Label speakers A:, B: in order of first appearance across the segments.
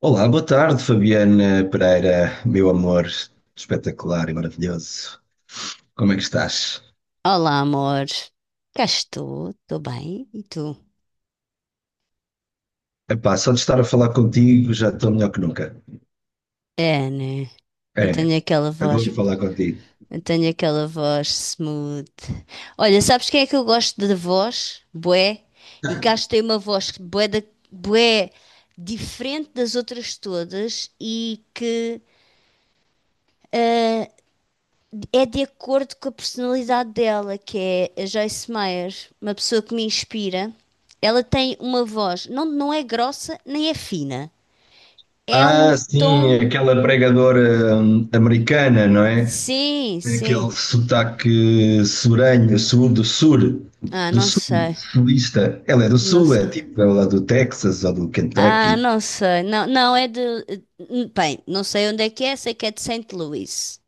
A: Olá, boa tarde, Fabiana Pereira, meu amor espetacular e maravilhoso. Como é que estás?
B: Olá, amor. Cá estou, estou bem. E tu?
A: Epá, só de estar a falar contigo já estou melhor que nunca.
B: É, né? Eu
A: É,
B: tenho aquela voz,
A: adoro falar contigo.
B: eu tenho aquela voz smooth. Olha, sabes quem é que eu gosto de voz? Bué. E cá tem uma voz bué, da, bué diferente das outras todas e que é de acordo com a personalidade dela, que é a Joyce Meyer, uma pessoa que me inspira. Ela tem uma voz, não, não é grossa nem é fina. É um
A: Ah, sim,
B: tom.
A: aquela pregadora americana, não é?
B: Sim, sim.
A: Aquele sotaque suranho, sul do sul,
B: Ah,
A: do
B: não
A: sul,
B: sei.
A: sulista. Ela é do
B: Não
A: sul, é
B: sei.
A: tipo, ela é do Texas ou do
B: Ah,
A: Kentucky.
B: não sei. Não, não é de. Bem, não sei onde é que é, sei que é de Saint Louis.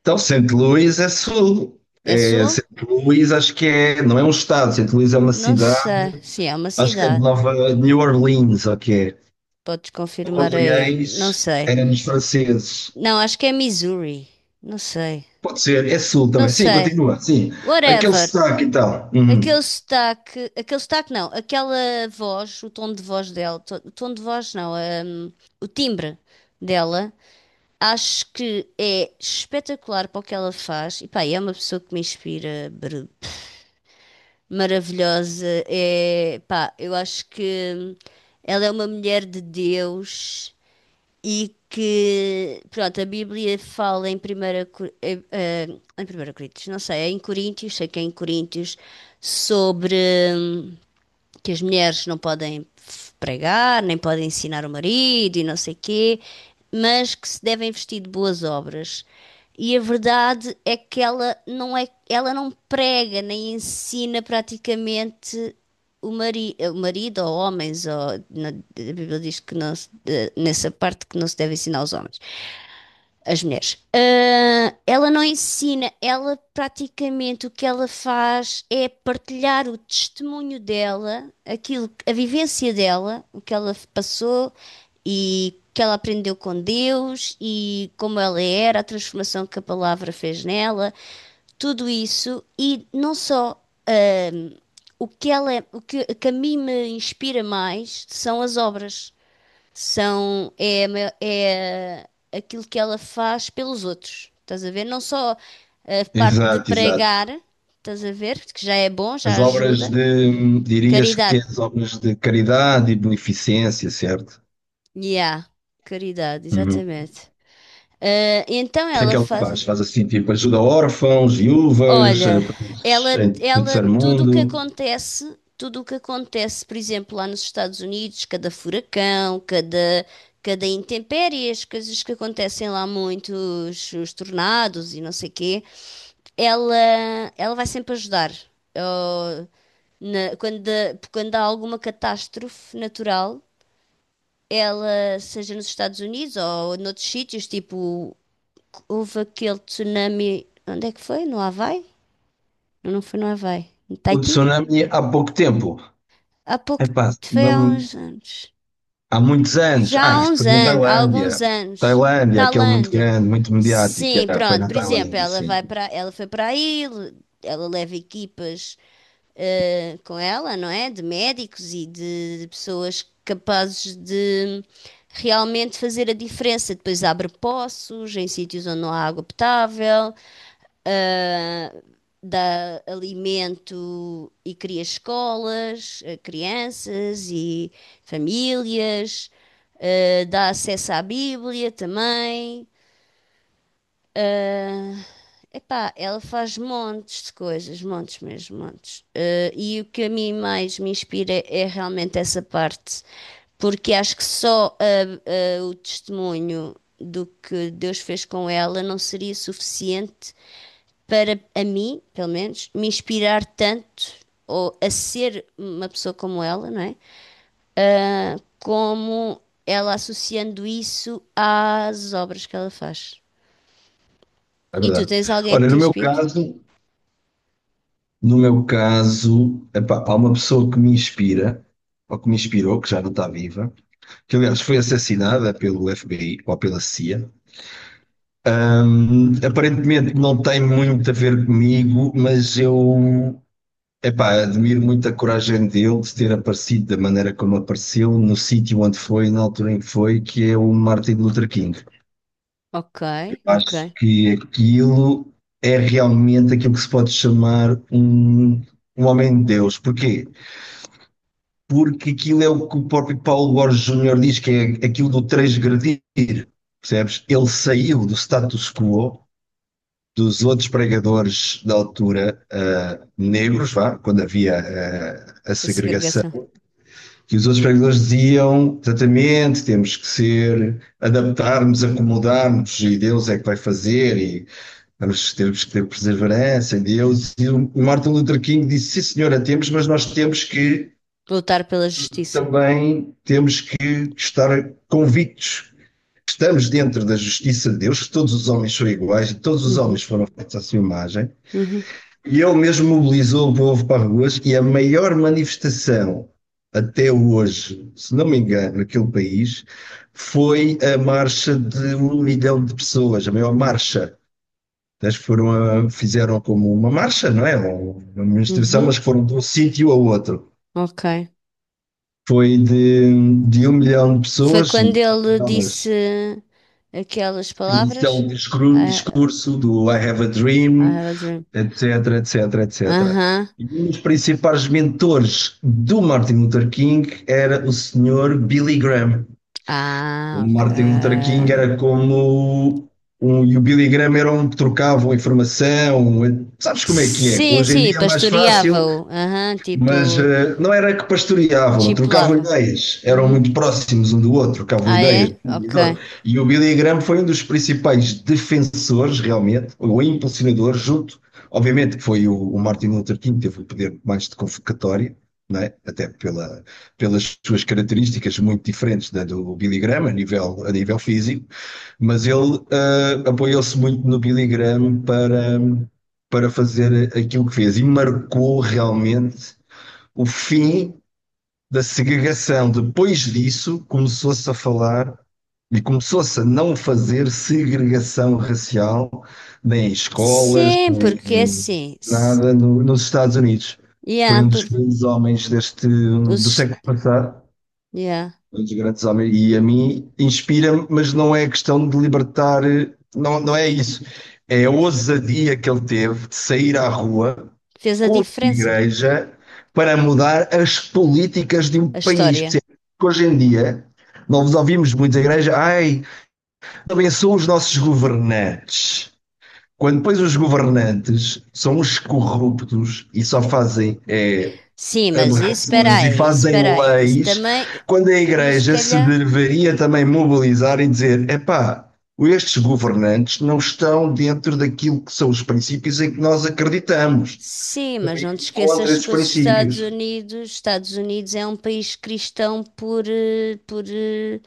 A: Então, St. Louis é sul.
B: É
A: É,
B: sul?
A: St. Louis acho que é, não é um estado, St. Louis é uma
B: Não
A: cidade,
B: sei. Sim, é uma
A: acho que é de
B: cidade.
A: Nova de New Orleans, ok.
B: Podes
A: Nova
B: confirmar aí. Não
A: Orleans
B: sei.
A: era nos franceses.
B: Não, acho que é Missouri. Não sei.
A: Pode ser, é sul
B: Não
A: também. Sim,
B: sei.
A: continua, sim. Aquele
B: Whatever.
A: sotaque e tal. Uhum.
B: Aquele sotaque. Aquele sotaque não. Aquela voz, o tom de voz dela. O tom de voz não. hum, o timbre dela. Acho que é espetacular para o que ela faz. E pá, é uma pessoa que me inspira, maravilhosa. É, pá, eu acho que ela é uma mulher de Deus e que, pronto, a Bíblia fala em primeira, Cor- eh, eh, em primeira Coríntios, não sei, é em Coríntios, sei que é em Coríntios, sobre hum, que as mulheres não podem pregar, nem podem ensinar o marido e não sei quê, mas que se devem vestir de boas obras. E a verdade é que ela não é, ela não prega nem ensina praticamente o marido ou homens, ou a Bíblia diz que não nessa parte que não se deve ensinar aos homens as mulheres. Ah, ela não ensina, ela praticamente o que ela faz é partilhar o testemunho dela, aquilo, a vivência dela, o que ela passou e o que ela aprendeu com Deus e como ela era, a transformação que a palavra fez nela, tudo isso e não só o que ela, é, o que, que a mim me inspira mais são as obras. São, é, é aquilo que ela faz pelos outros, estás a ver? Não só a parte de
A: Exato,
B: pregar,
A: exato.
B: estás a ver? Que já é bom, já
A: As obras
B: ajuda.
A: de, dirias que é
B: Caridade.
A: as obras de caridade e beneficência, certo?
B: Yeah, caridade,
A: Uhum.
B: exatamente. Ah, então
A: O que é que
B: ela
A: ele
B: faz.
A: faz? Faz assim, tipo, ajuda órfãos, viúvas,
B: Olha, ela,
A: em
B: ela,
A: terceiro
B: tudo o que
A: mundo.
B: acontece, tudo o que acontece, por exemplo, lá nos Estados Unidos, cada furacão, cada, cada intempérie, as coisas que acontecem lá muito, os tornados e não sei quê, ela, ela vai sempre ajudar. Ou quando, quando há alguma catástrofe natural, ela, seja nos Estados Unidos ou noutros sítios, tipo, houve aquele tsunami. Onde é que foi? No Havaí? Não, não foi no Havaí. No
A: O
B: Tahiti?
A: tsunami há pouco tempo.
B: Há pouco,
A: Epá,
B: foi há
A: tsunami
B: uns anos.
A: há muitos anos.
B: Já
A: Ah,
B: há
A: isso
B: uns
A: foi na
B: anos, há alguns
A: Tailândia.
B: anos.
A: Tailândia, aquele muito
B: Tailândia.
A: grande, muito mediático.
B: Sim,
A: Yeah, foi
B: pronto.
A: na
B: Por exemplo,
A: Tailândia,
B: ela
A: sim.
B: vai para, ela foi para aí, ela leva equipas com ela, não é? De médicos e de pessoas capazes de realmente fazer a diferença. Depois abre poços em sítios onde não há água potável, dá alimento e cria escolas, a crianças e famílias, dá acesso à Bíblia também. Epá, ela faz montes de coisas, montes mesmo, montes. Eh, e o que a mim mais me inspira é realmente essa parte, porque acho que só o testemunho do que Deus fez com ela não seria suficiente para a mim, pelo menos, me inspirar tanto ou a ser uma pessoa como ela, não é? Ah, como ela associando isso às obras que ela faz.
A: É
B: E tu
A: verdade.
B: tens alguém que
A: Olha,
B: te
A: no meu
B: inspire?
A: caso, no meu caso, epá, há uma pessoa que me inspira, ou que me inspirou, que já não está viva, que aliás foi assassinada pelo FBI ou pela CIA. Aparentemente não tem muito a ver comigo. Mas eu Epá, admiro muito a coragem dele de ter aparecido da maneira como apareceu, no sítio onde foi, na altura em que foi, que é o Martin Luther King.
B: Ok,
A: Eu
B: ok.
A: acho que aquilo é realmente aquilo que se pode chamar um homem de Deus. Porquê? Porque aquilo é o que o próprio Paulo Borges Júnior diz, que é aquilo do transgredir, percebes? Ele saiu do status quo dos outros pregadores da altura, negros, vá, quando havia a
B: A
A: segregação
B: segregação.
A: que os outros pregadores diziam exatamente, temos que ser, adaptarmos, acomodarmos, e Deus é que vai fazer, e temos que ter perseverança em Deus. E o Martin Luther King disse, sim senhora, temos, mas nós temos que,
B: Lutar pela justiça.
A: também, temos que estar convictos que estamos dentro da justiça de Deus, que todos os homens são iguais, e todos os
B: Uhum,
A: homens foram feitos à sua imagem,
B: uhum,
A: e ele mesmo mobilizou o povo para ruas e a maior manifestação até hoje, se não me engano, naquele país, foi a marcha de 1 milhão de pessoas, a maior marcha. Eles fizeram como uma marcha, não é? Uma manifestação,
B: uhum.
A: mas que foram de um sítio a outro.
B: Ok.
A: Foi de 1 milhão de
B: Foi
A: pessoas,
B: quando ele
A: elas,
B: disse aquelas
A: aquele
B: palavras?
A: célebre
B: I,
A: discurso do I Have a
B: I
A: Dream,
B: have a dream.
A: etc, etc, etc.
B: Aham.
A: E um dos principais mentores do Martin Luther King era o senhor Billy Graham. O
B: Ah, ok.
A: Martin Luther King era como um, e o Billy Graham era um que trocavam informação. Sabes como é que é?
B: Sim,
A: Hoje em
B: sim,
A: dia é mais fácil,
B: pastoreava-o. Aham,
A: mas
B: tipo,
A: não era que pastoreavam, trocavam
B: chipulava.
A: ideias, eram
B: Uhum.
A: muito próximos um do outro, trocavam
B: Ah,
A: ideias.
B: é? Ok.
A: E o Billy Graham foi um dos principais defensores, realmente, ou impulsionador, junto, obviamente, que foi o Martin Luther King, teve o poder mais de convocatória, não é? Até pela, pelas suas características muito diferentes da do Billy Graham, a nível físico, mas ele apoiou-se muito no Billy Graham para fazer aquilo que fez e marcou realmente o fim da segregação. Depois disso, começou-se a falar e começou-se a não fazer segregação racial nem em escolas,
B: Sim,
A: nem
B: porque é assim.
A: nada nos Estados Unidos.
B: Yeah,
A: Foi um
B: por,
A: dos grandes homens do
B: os,
A: século passado,
B: yeah,
A: os grandes homens. E a mim inspira-me, mas não é questão de libertar, não, não é isso. É a ousadia que ele teve de sair à rua
B: fez a
A: com a
B: diferença.
A: igreja para mudar as políticas de um
B: A
A: país. Porque
B: história.
A: hoje em dia, nós ouvimos muito a igreja, ai, abençoa os nossos governantes. Quando depois os governantes são os corruptos e só fazem é,
B: Sim, mas isso, espera
A: aberrações e
B: aí, isso,
A: fazem
B: espera aí. Isso
A: leis,
B: também,
A: quando a
B: mas se
A: Igreja se
B: calhar,
A: deveria também mobilizar e dizer: epá, estes governantes não estão dentro daquilo que são os princípios em que nós acreditamos.
B: sim, mas
A: Também
B: não te
A: contra
B: esqueças
A: esses
B: que os Estados
A: princípios.
B: Unidos, Estados Unidos é um país cristão por, por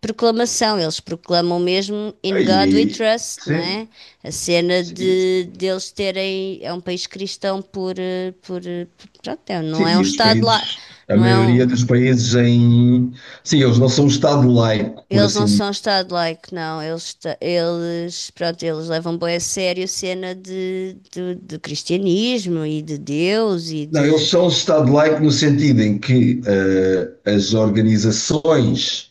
B: proclamação. Eles proclamam mesmo In God We
A: E,
B: Trust, não
A: sim,
B: é? A cena
A: sim,
B: de deles terem, é um país cristão por, por, pronto, é,
A: sim,
B: não é um
A: e os
B: Estado lá,
A: países, a
B: não é
A: maioria
B: um,
A: dos países em. Sim, eles não são um Estado laico, por
B: eles não
A: assim dizer.
B: são estado-like, não. Eles, eles, pronto, eles levam bem a sério a cena de, do, do cristianismo e de Deus e
A: Não,
B: de...
A: eles são um Estado laico no sentido em que as organizações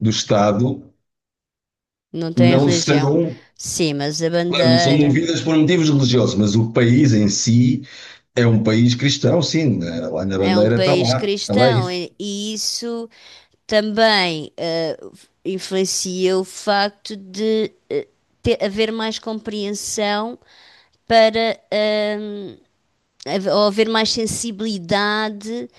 A: do Estado
B: Não têm
A: não
B: religião.
A: são,
B: Sim, mas a
A: claro, não são
B: bandeira
A: movidas por motivos religiosos, mas o país em si é um país cristão, sim, né? Lá na
B: é um
A: bandeira
B: país
A: está lá
B: cristão
A: isso.
B: e isso também influencia o facto de ter, haver mais compreensão para... haver- ou haver mais sensibilidade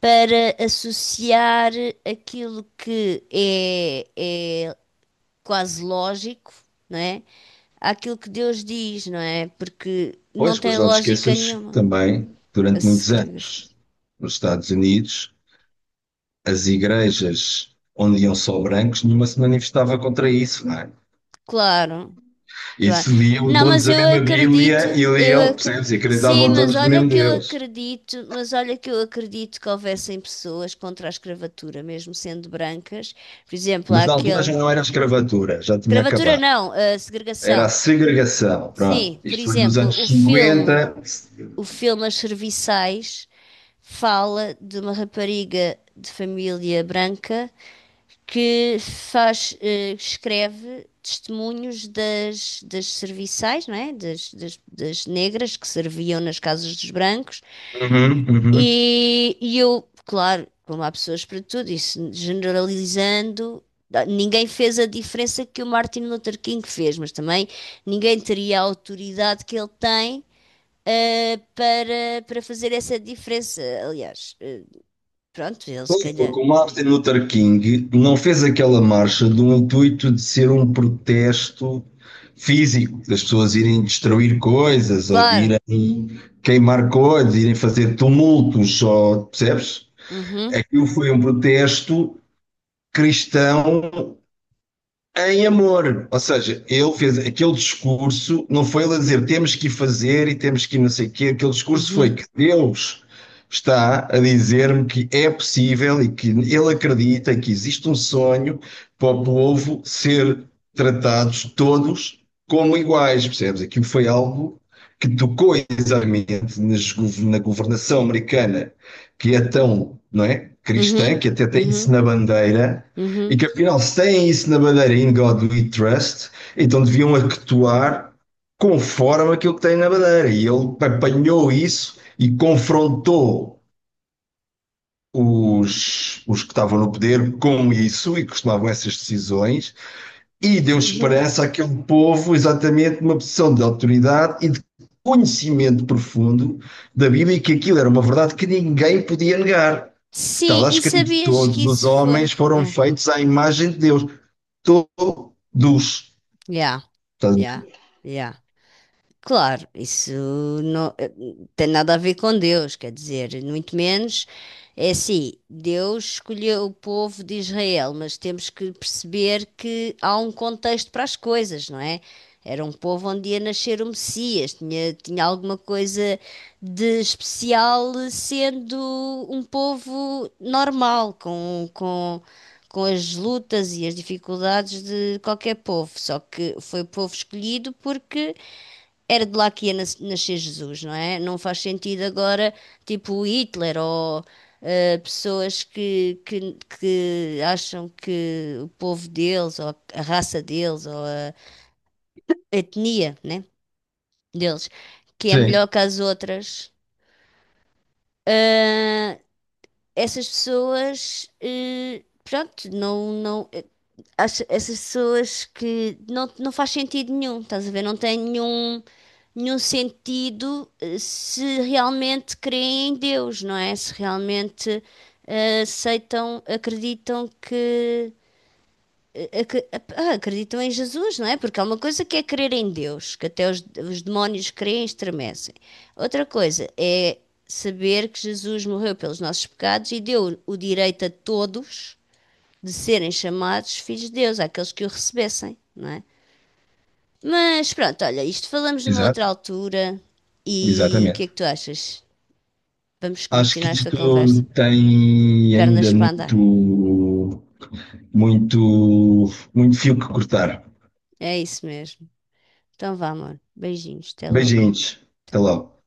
B: para associar aquilo que é, é quase lógico, não é? Àquilo que Deus diz, não é? Porque não
A: Pois,
B: tem
A: mas não te
B: lógica
A: esqueças que
B: nenhuma
A: também,
B: a
A: durante muitos
B: segregação.
A: anos, nos Estados Unidos, as igrejas onde iam só brancos, nenhuma se manifestava contra isso, não é?
B: Claro, claro.
A: Isso liam
B: Não, mas
A: todos a
B: eu
A: mesma
B: acredito,
A: Bíblia e
B: eu
A: liam,
B: acredito.
A: percebes? E
B: Sim,
A: acreditavam
B: mas
A: todos no
B: olha
A: mesmo
B: que eu
A: Deus.
B: acredito, mas olha que eu acredito que houvessem pessoas contra a escravatura, mesmo sendo brancas. Por exemplo, há
A: Mas na altura
B: aquele.
A: já não era escravatura, já tinha
B: Escravatura
A: acabado.
B: não, a
A: Era a
B: segregação.
A: segregação, pronto.
B: Sim, por
A: Isto foi nos
B: exemplo,
A: anos 50.
B: o filme As Serviçais fala de uma rapariga de família branca que faz, eh, escreve testemunhos das, das serviçais, não é? Das, das, das negras que serviam nas casas dos brancos
A: Uhum, uhum.
B: e eu, claro, como há pessoas para tudo, isso generalizando, ninguém fez a diferença que o Martin Luther King fez, mas também ninguém teria a autoridade que ele tem. Para, para fazer essa diferença. Aliás, pronto, ele se calhar.
A: Porque o Martin Luther King não fez aquela marcha do intuito de ser um protesto físico, das pessoas irem destruir coisas, ou de
B: Claro.
A: irem queimar coisas, irem fazer tumultos, ou, percebes?
B: Uhum,
A: Aquilo foi um protesto cristão. É em amor, ou seja, ele fez aquele discurso, não foi ele a dizer temos que fazer e temos que não sei o quê, aquele discurso foi que
B: uhum,
A: Deus está a dizer-me que é possível e que ele acredita que existe um sonho para o povo ser tratados todos como iguais, percebes? Aquilo foi algo que tocou exatamente na governação americana, que é tão, não é,
B: uhum,
A: cristã, que até tem isso
B: uhum,
A: na bandeira e
B: uhum,
A: que afinal, se têm isso na bandeira In God We Trust, então deviam actuar conforme aquilo que têm na bandeira. E ele apanhou isso e confrontou os que estavam no poder com isso e costumavam essas decisões e deu
B: uhum.
A: esperança àquele povo exatamente numa posição de autoridade e de conhecimento profundo da Bíblia e que aquilo era uma verdade que ninguém podia negar. Que está
B: Sim,
A: lá
B: e
A: escrito:
B: sabias que
A: todos os
B: isso
A: homens
B: foi?
A: foram
B: Yeah,
A: feitos à imagem de Deus todos.
B: yeah, yeah, yeah. Claro, isso não tem nada a ver com Deus, quer dizer, muito menos. É assim, Deus escolheu o povo de Israel, mas temos que perceber que há um contexto para as coisas, não é? Era um povo onde ia nascer o Messias, tinha, tinha alguma coisa de especial, sendo um povo normal, com as lutas e as dificuldades de qualquer povo. Só que foi povo escolhido porque era de lá que ia nascer Jesus, não é? Não faz sentido agora, tipo o Hitler ou pessoas que acham que o povo deles, ou a raça deles, ou a etnia, né, deles, que é melhor
A: Sim,
B: que as outras. Ah, essas pessoas, pronto, não, não. Essas pessoas que não, não faz sentido nenhum, estás a ver? Não tem nenhum, nenhum sentido se realmente creem em Deus, não é? Se realmente aceitam, acreditam que. eh, acre- Acreditam em Jesus, não é? Porque há uma coisa que é crer em Deus, que até os demónios creem e estremecem. Outra coisa é saber que Jesus morreu pelos nossos pecados e deu o direito a todos de serem chamados filhos de Deus, àqueles que o recebessem, não é? Mas pronto, olha, isto falamos numa outra
A: exato.
B: altura e o que é
A: Exatamente.
B: que tu achas? Vamos
A: Acho que
B: continuar esta conversa.
A: isto tem
B: Pernas
A: ainda
B: para andar.
A: muito, muito, muito fio que cortar.
B: É isso mesmo. Então vá, amor. Beijinhos. Até logo.
A: Beijinhos.
B: Até
A: Até
B: logo.
A: logo.